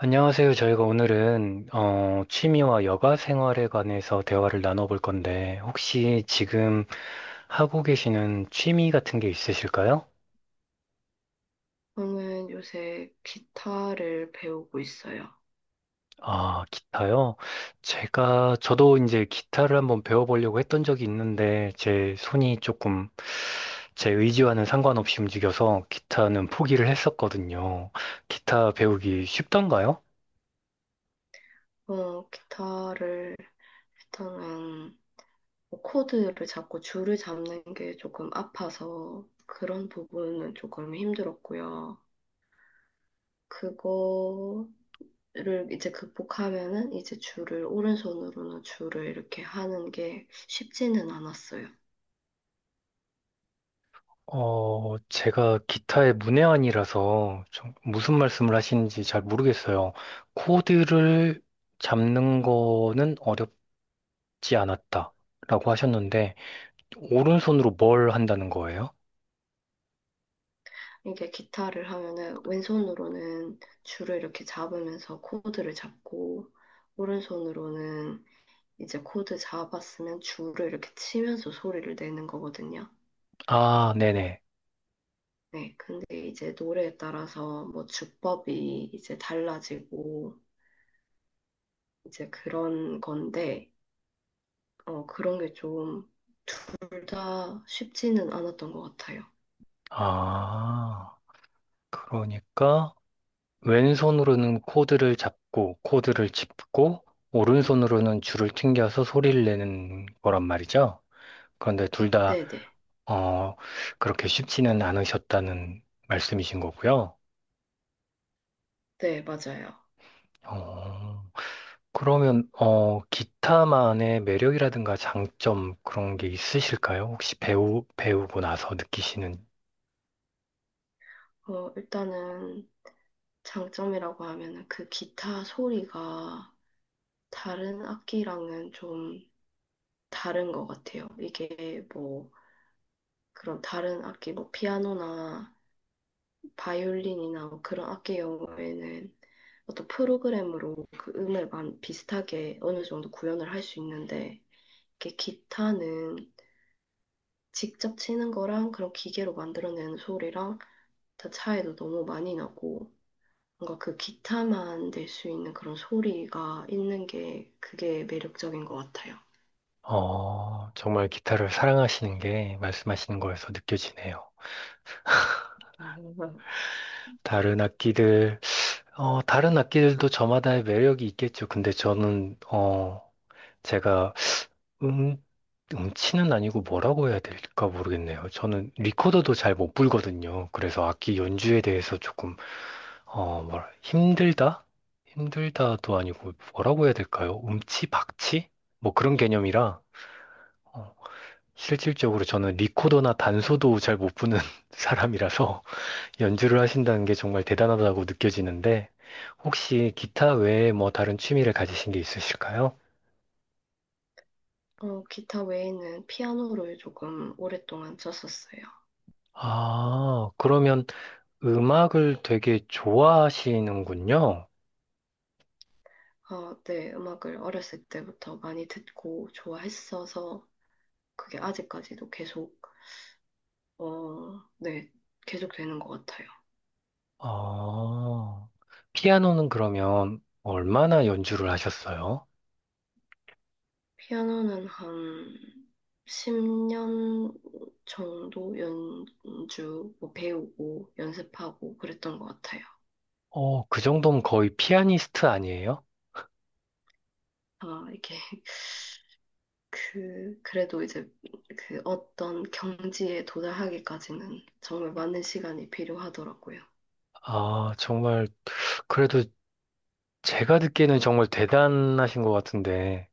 안녕하세요. 저희가 오늘은 취미와 여가 생활에 관해서 대화를 나눠볼 건데, 혹시 지금 하고 계시는 취미 같은 게 있으실까요? 저는 요새 기타를 배우고 있어요. 아, 기타요? 저도 이제 기타를 한번 배워보려고 했던 적이 있는데, 제 손이 조금 제 의지와는 상관없이 움직여서 기타는 포기를 했었거든요. 기타 배우기 쉽던가요? 기타를 일단은 뭐 코드를 잡고 줄을 잡는 게 조금 아파서 그런 부분은 조금 힘들었고요. 그거를 이제 극복하면은 이제 줄을 오른손으로는 줄을 이렇게 하는 게 쉽지는 않았어요. 제가 기타의 문외한이라서 좀 무슨 말씀을 하시는지 잘 모르겠어요. 코드를 잡는 거는 어렵지 않았다라고 하셨는데, 오른손으로 뭘 한다는 거예요? 이게 기타를 하면은 왼손으로는 줄을 이렇게 잡으면서 코드를 잡고 오른손으로는 이제 코드 자바 쓰면 줄을 이렇게 치면서 소리를 내는 거거든요. 아, 네네. 네, 근데 이제 노래에 따라서 뭐 주법이 이제 달라지고 이제 그런 건데, 그런 게 좀 둘 다 쉽지는 않았던 것 같아요. 아, 그러니까 왼손으로는 코드를 잡고, 코드를 짚고, 오른손으로는 줄을 튕겨서 소리를 내는 거란 말이죠. 그런데 둘다 네네. 네, 어, 그렇게 쉽지는 않으셨다는 말씀이신 거고요. 네, 맞아요. 어, 그러면, 기타만의 매력이라든가 장점 그런 게 있으실까요? 혹시 배우고 나서 느끼시는, 일단은 장점이라고 하면은 그 기타 소리가 다른 악기랑은 좀 다른 것 같아요. 이게 뭐 그런 다른 악기, 뭐 피아노나 바이올린이나 그런 악기 경우에는 어떤 프로그램으로 그 음을 비슷하게 어느 정도 구현을 할 수 있는데 이렇게 기타는 직접 치는 거랑 그런 기계로 만들어내는 소리랑 다 차이도 너무 많이 나고 뭔가 그 기타만 낼 수 있는 그런 소리가 있는 게 그게 매력적인 것 같아요. 어, 정말 기타를 사랑하시는 게 말씀하시는 거에서 느껴지네요. 음. 다른 악기들, 어, 다른 악기들도 저마다의 매력이 있겠죠. 근데 저는, 어, 제가 음, 음치는 아니고 뭐라고 해야 될까 모르겠네요. 저는 리코더도 잘 못 불거든요. 그래서 악기 연주에 대해서 조금, 어, 뭐라, 힘들다? 힘들다도 아니고 뭐라고 해야 될까요? 음치, 박치? 뭐 그런 개념이라, 어, 실질적으로 저는 리코더나 단소도 잘 못 부는 사람이라서 연주를 하신다는 게 정말 대단하다고 느껴지는데, 혹시 기타 외에 뭐 다른 취미를 가지신 게 있으실까요? 어, 기타 외에는 피아노를 조금 오랫동안 쳤었어요. 아, 그러면 음악을 되게 좋아하시는군요. 어, 네, 음악을 어렸을 때부터 많이 듣고 좋아했어서 그게 아직까지도 계속, 어, 네, 계속 되는 것 같아요. 아, 피아노는 그러면 얼마나 연주를 하셨어요? 피아노는 한 10년 정도 연주, 뭐 배우고 연습하고 그랬던 것 같아요. 어, 그 정도면 거의 피아니스트 아니에요? 아, 이게 그래도 이제 그 어떤 경지에 도달하기까지는 정말 많은 시간이 필요하더라고요. 아, 정말, 그래도 제가 듣기에는 정말 대단하신 것 같은데,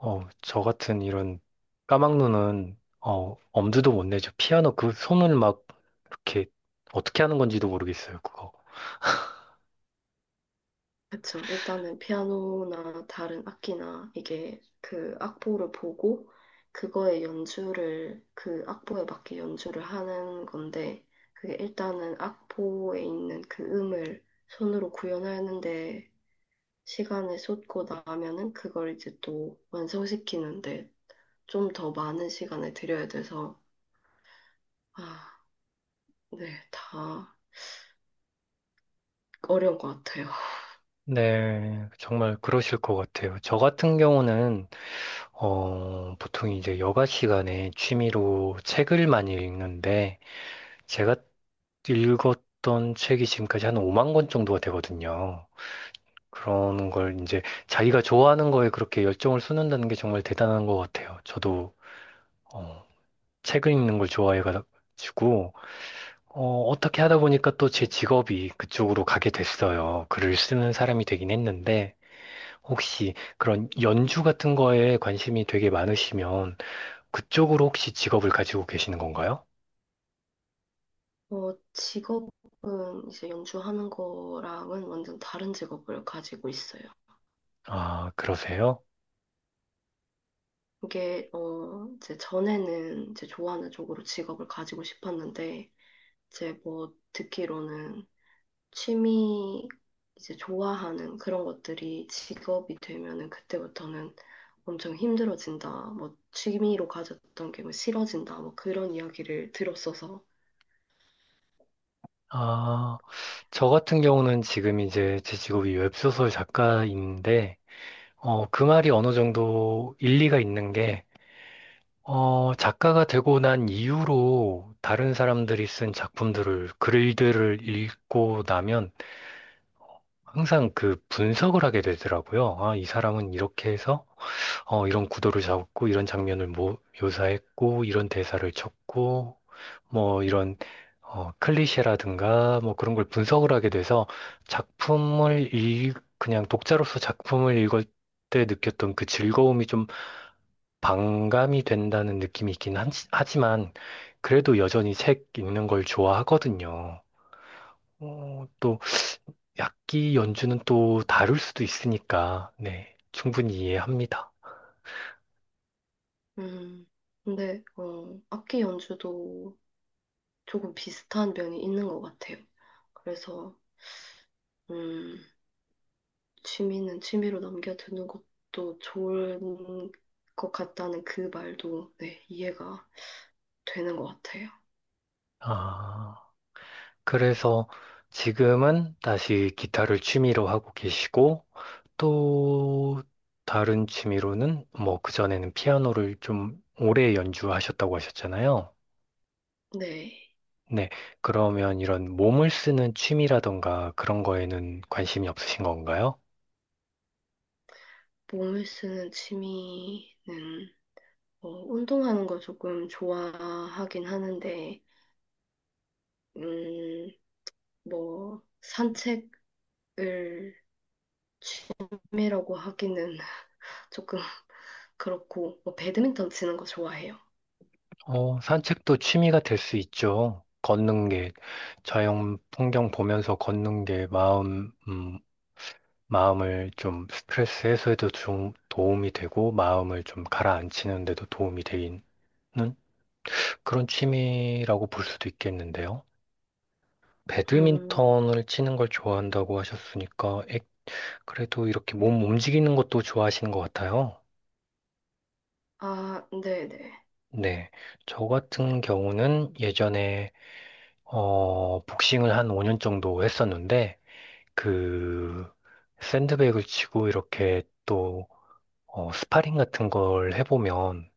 어, 저 같은 이런 까막눈은, 어, 엄두도 못 내죠. 피아노 그 손을 막, 이렇게, 어떻게 하는 건지도 모르겠어요, 그거. 그쵸. 일단은 피아노나 다른 악기나 이게 그 악보를 보고 그거의 연주를 그 악보에 맞게 연주를 하는 건데 그게 일단은 악보에 있는 그 음을 손으로 구현하는데 시간을 쏟고 나면은 그걸 이제 또 완성시키는데 좀 더 많은 시간을 들여야 돼서 아, 네, 다 어려운 것 같아요. 네, 정말 그러실 것 같아요. 저 같은 경우는, 보통 이제 여가 시간에 취미로 책을 많이 읽는데, 제가 읽었던 책이 지금까지 한 5만 권 정도가 되거든요. 그런 걸 이제 자기가 좋아하는 거에 그렇게 열정을 쏟는다는 게 정말 대단한 것 같아요. 저도, 어, 책을 읽는 걸 좋아해가지고, 어떻게 하다 보니까 또 제 직업이 그쪽으로 가게 됐어요. 글을 쓰는 사람이 되긴 했는데, 혹시 그런 연주 같은 거에 관심이 되게 많으시면, 그쪽으로 혹시 직업을 가지고 계시는 건가요? 직업은 이제 연주하는 거랑은 완전 다른 직업을 가지고 있어요. 아, 그러세요? 이제 전에는 이제 좋아하는 쪽으로 직업을 가지고 싶었는데, 이제 뭐 듣기로는 취미, 이제 좋아하는 그런 것들이 직업이 되면은 그때부터는 엄청 힘들어진다. 뭐 취미로 가졌던 게 뭐 싫어진다. 뭐 그런 이야기를 들었어서. 아, 저 같은 경우는 지금 이제 제 직업이 웹소설 작가인데, 어, 그 말이 어느 정도 일리가 있는 게, 어, 작가가 되고 난 이후로 다른 사람들이 쓴 글들을 읽고 나면 항상 그 분석을 하게 되더라고요. 아, 이 사람은 이렇게 해서, 어, 이런 구도를 잡고, 이런 장면을 묘사했고, 이런 대사를 쳤고, 뭐 이런 어, 클리셰라든가 뭐 그런 걸 분석을 하게 돼서 그냥 독자로서 작품을 읽을 때 느꼈던 그 즐거움이 좀 반감이 된다는 느낌이 있긴 하지만 그래도 여전히 책 읽는 걸 좋아하거든요. 어, 또 악기 연주는 또 다를 수도 있으니까 네, 충분히 이해합니다. 음, 근데, 악기 연주도 조금 비슷한 면이 있는 것 같아요. 그래서, 음, 취미는 취미로 넘겨두는 것도 좋은 것 같다는 그 말도, 네, 이해가 되는 것 같아요. 아, 그래서 지금은 다시 기타를 취미로 하고 계시고, 또 다른 취미로는 뭐 그전에는 피아노를 좀 오래 연주하셨다고 하셨잖아요. 네, 네. 그러면 이런 몸을 쓰는 취미라던가 그런 거에는 관심이 없으신 건가요? 몸을 쓰는 취미는, 운동하는 거 조금 좋아하긴 하는데, 음, 뭐, 산책을 취미라고 하기는 조금 그렇고, 뭐, 배드민턴 치는 거 좋아해요. 어, 산책도 취미가 될 수 있죠. 걷는 게, 자연 풍경 보면서 걷는 게 마음을 좀 스트레스 해소에도 좀 도움이 되고 마음을 좀 가라앉히는 데도 도움이 되는 그런 취미라고 볼 수도 있겠는데요. 음, 배드민턴을 치는 걸 좋아한다고 하셨으니까 에, 그래도 이렇게 몸 움직이는 것도 좋아하시는 것 같아요. 아, 네네. 네. 저 같은 경우는 예전에 복싱을 한 5년 정도 했었는데 그 샌드백을 치고 이렇게 또 스파링 같은 걸 해보면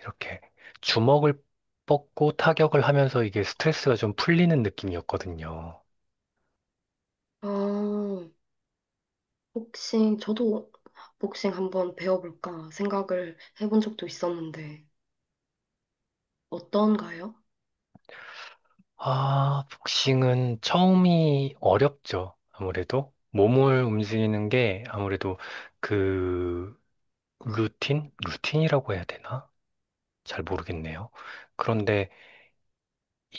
이렇게 주먹을 뻗고 타격을 하면서 이게 스트레스가 좀 풀리는 느낌이었거든요. 어, 복싱, 저도 복싱 한번 배워볼까 생각을 해본 적도 있었는데, 어떤가요? 아, 복싱은 처음이 어렵죠. 아무래도 몸을 움직이는 게 아무래도 그 루틴? 루틴이라고 해야 되나? 잘 모르겠네요. 그런데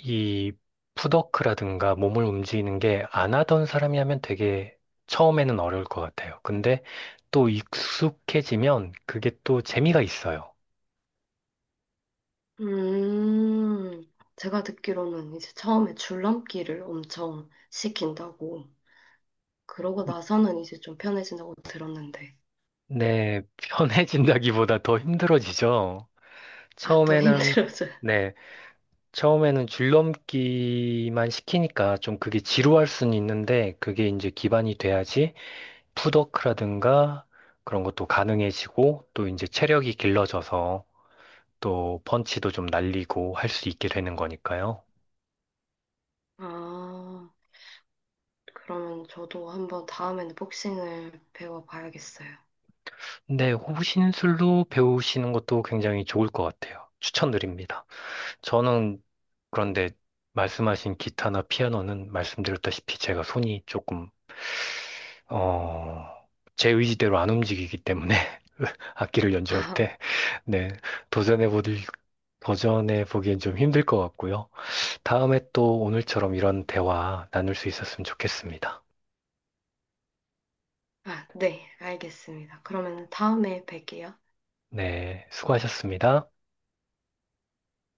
이 푸더크라든가 몸을 움직이는 게 안 하던 사람이 하면 되게 처음에는 어려울 것 같아요. 근데 또 익숙해지면 그게 또 재미가 있어요. 음, 제가 듣기로는 이제 처음에 줄넘기를 엄청 시킨다고, 그러고 나서는 이제 좀 편해진다고 들었는데, 네, 편해진다기보다 더 힘들어지죠. 아, 더 처음에는, 힘들어져요. 네, 처음에는 줄넘기만 시키니까 좀 그게 지루할 수는 있는데 그게 이제 기반이 돼야지 푸더크라든가 그런 것도 가능해지고 또 이제 체력이 길러져서 또 펀치도 좀 날리고 할 수 있게 되는 거니까요. 아, 그러면 저도 한번 다음에는 복싱을 배워봐야겠어요. 근데 호신술로 배우시는 것도 굉장히 좋을 것 같아요. 추천드립니다. 저는 그런데 말씀하신 기타나 피아노는 말씀드렸다시피 제가 손이 조금 어, 제 의지대로 안 움직이기 때문에 악기를 연주할 아, 때 네, 도전해 보들 도전해 보기엔 좀 힘들 것 같고요. 다음에 또 오늘처럼 이런 대화 나눌 수 있었으면 좋겠습니다. 아, 네, 알겠습니다. 그러면 다음에 뵐게요. 네, 수고하셨습니다.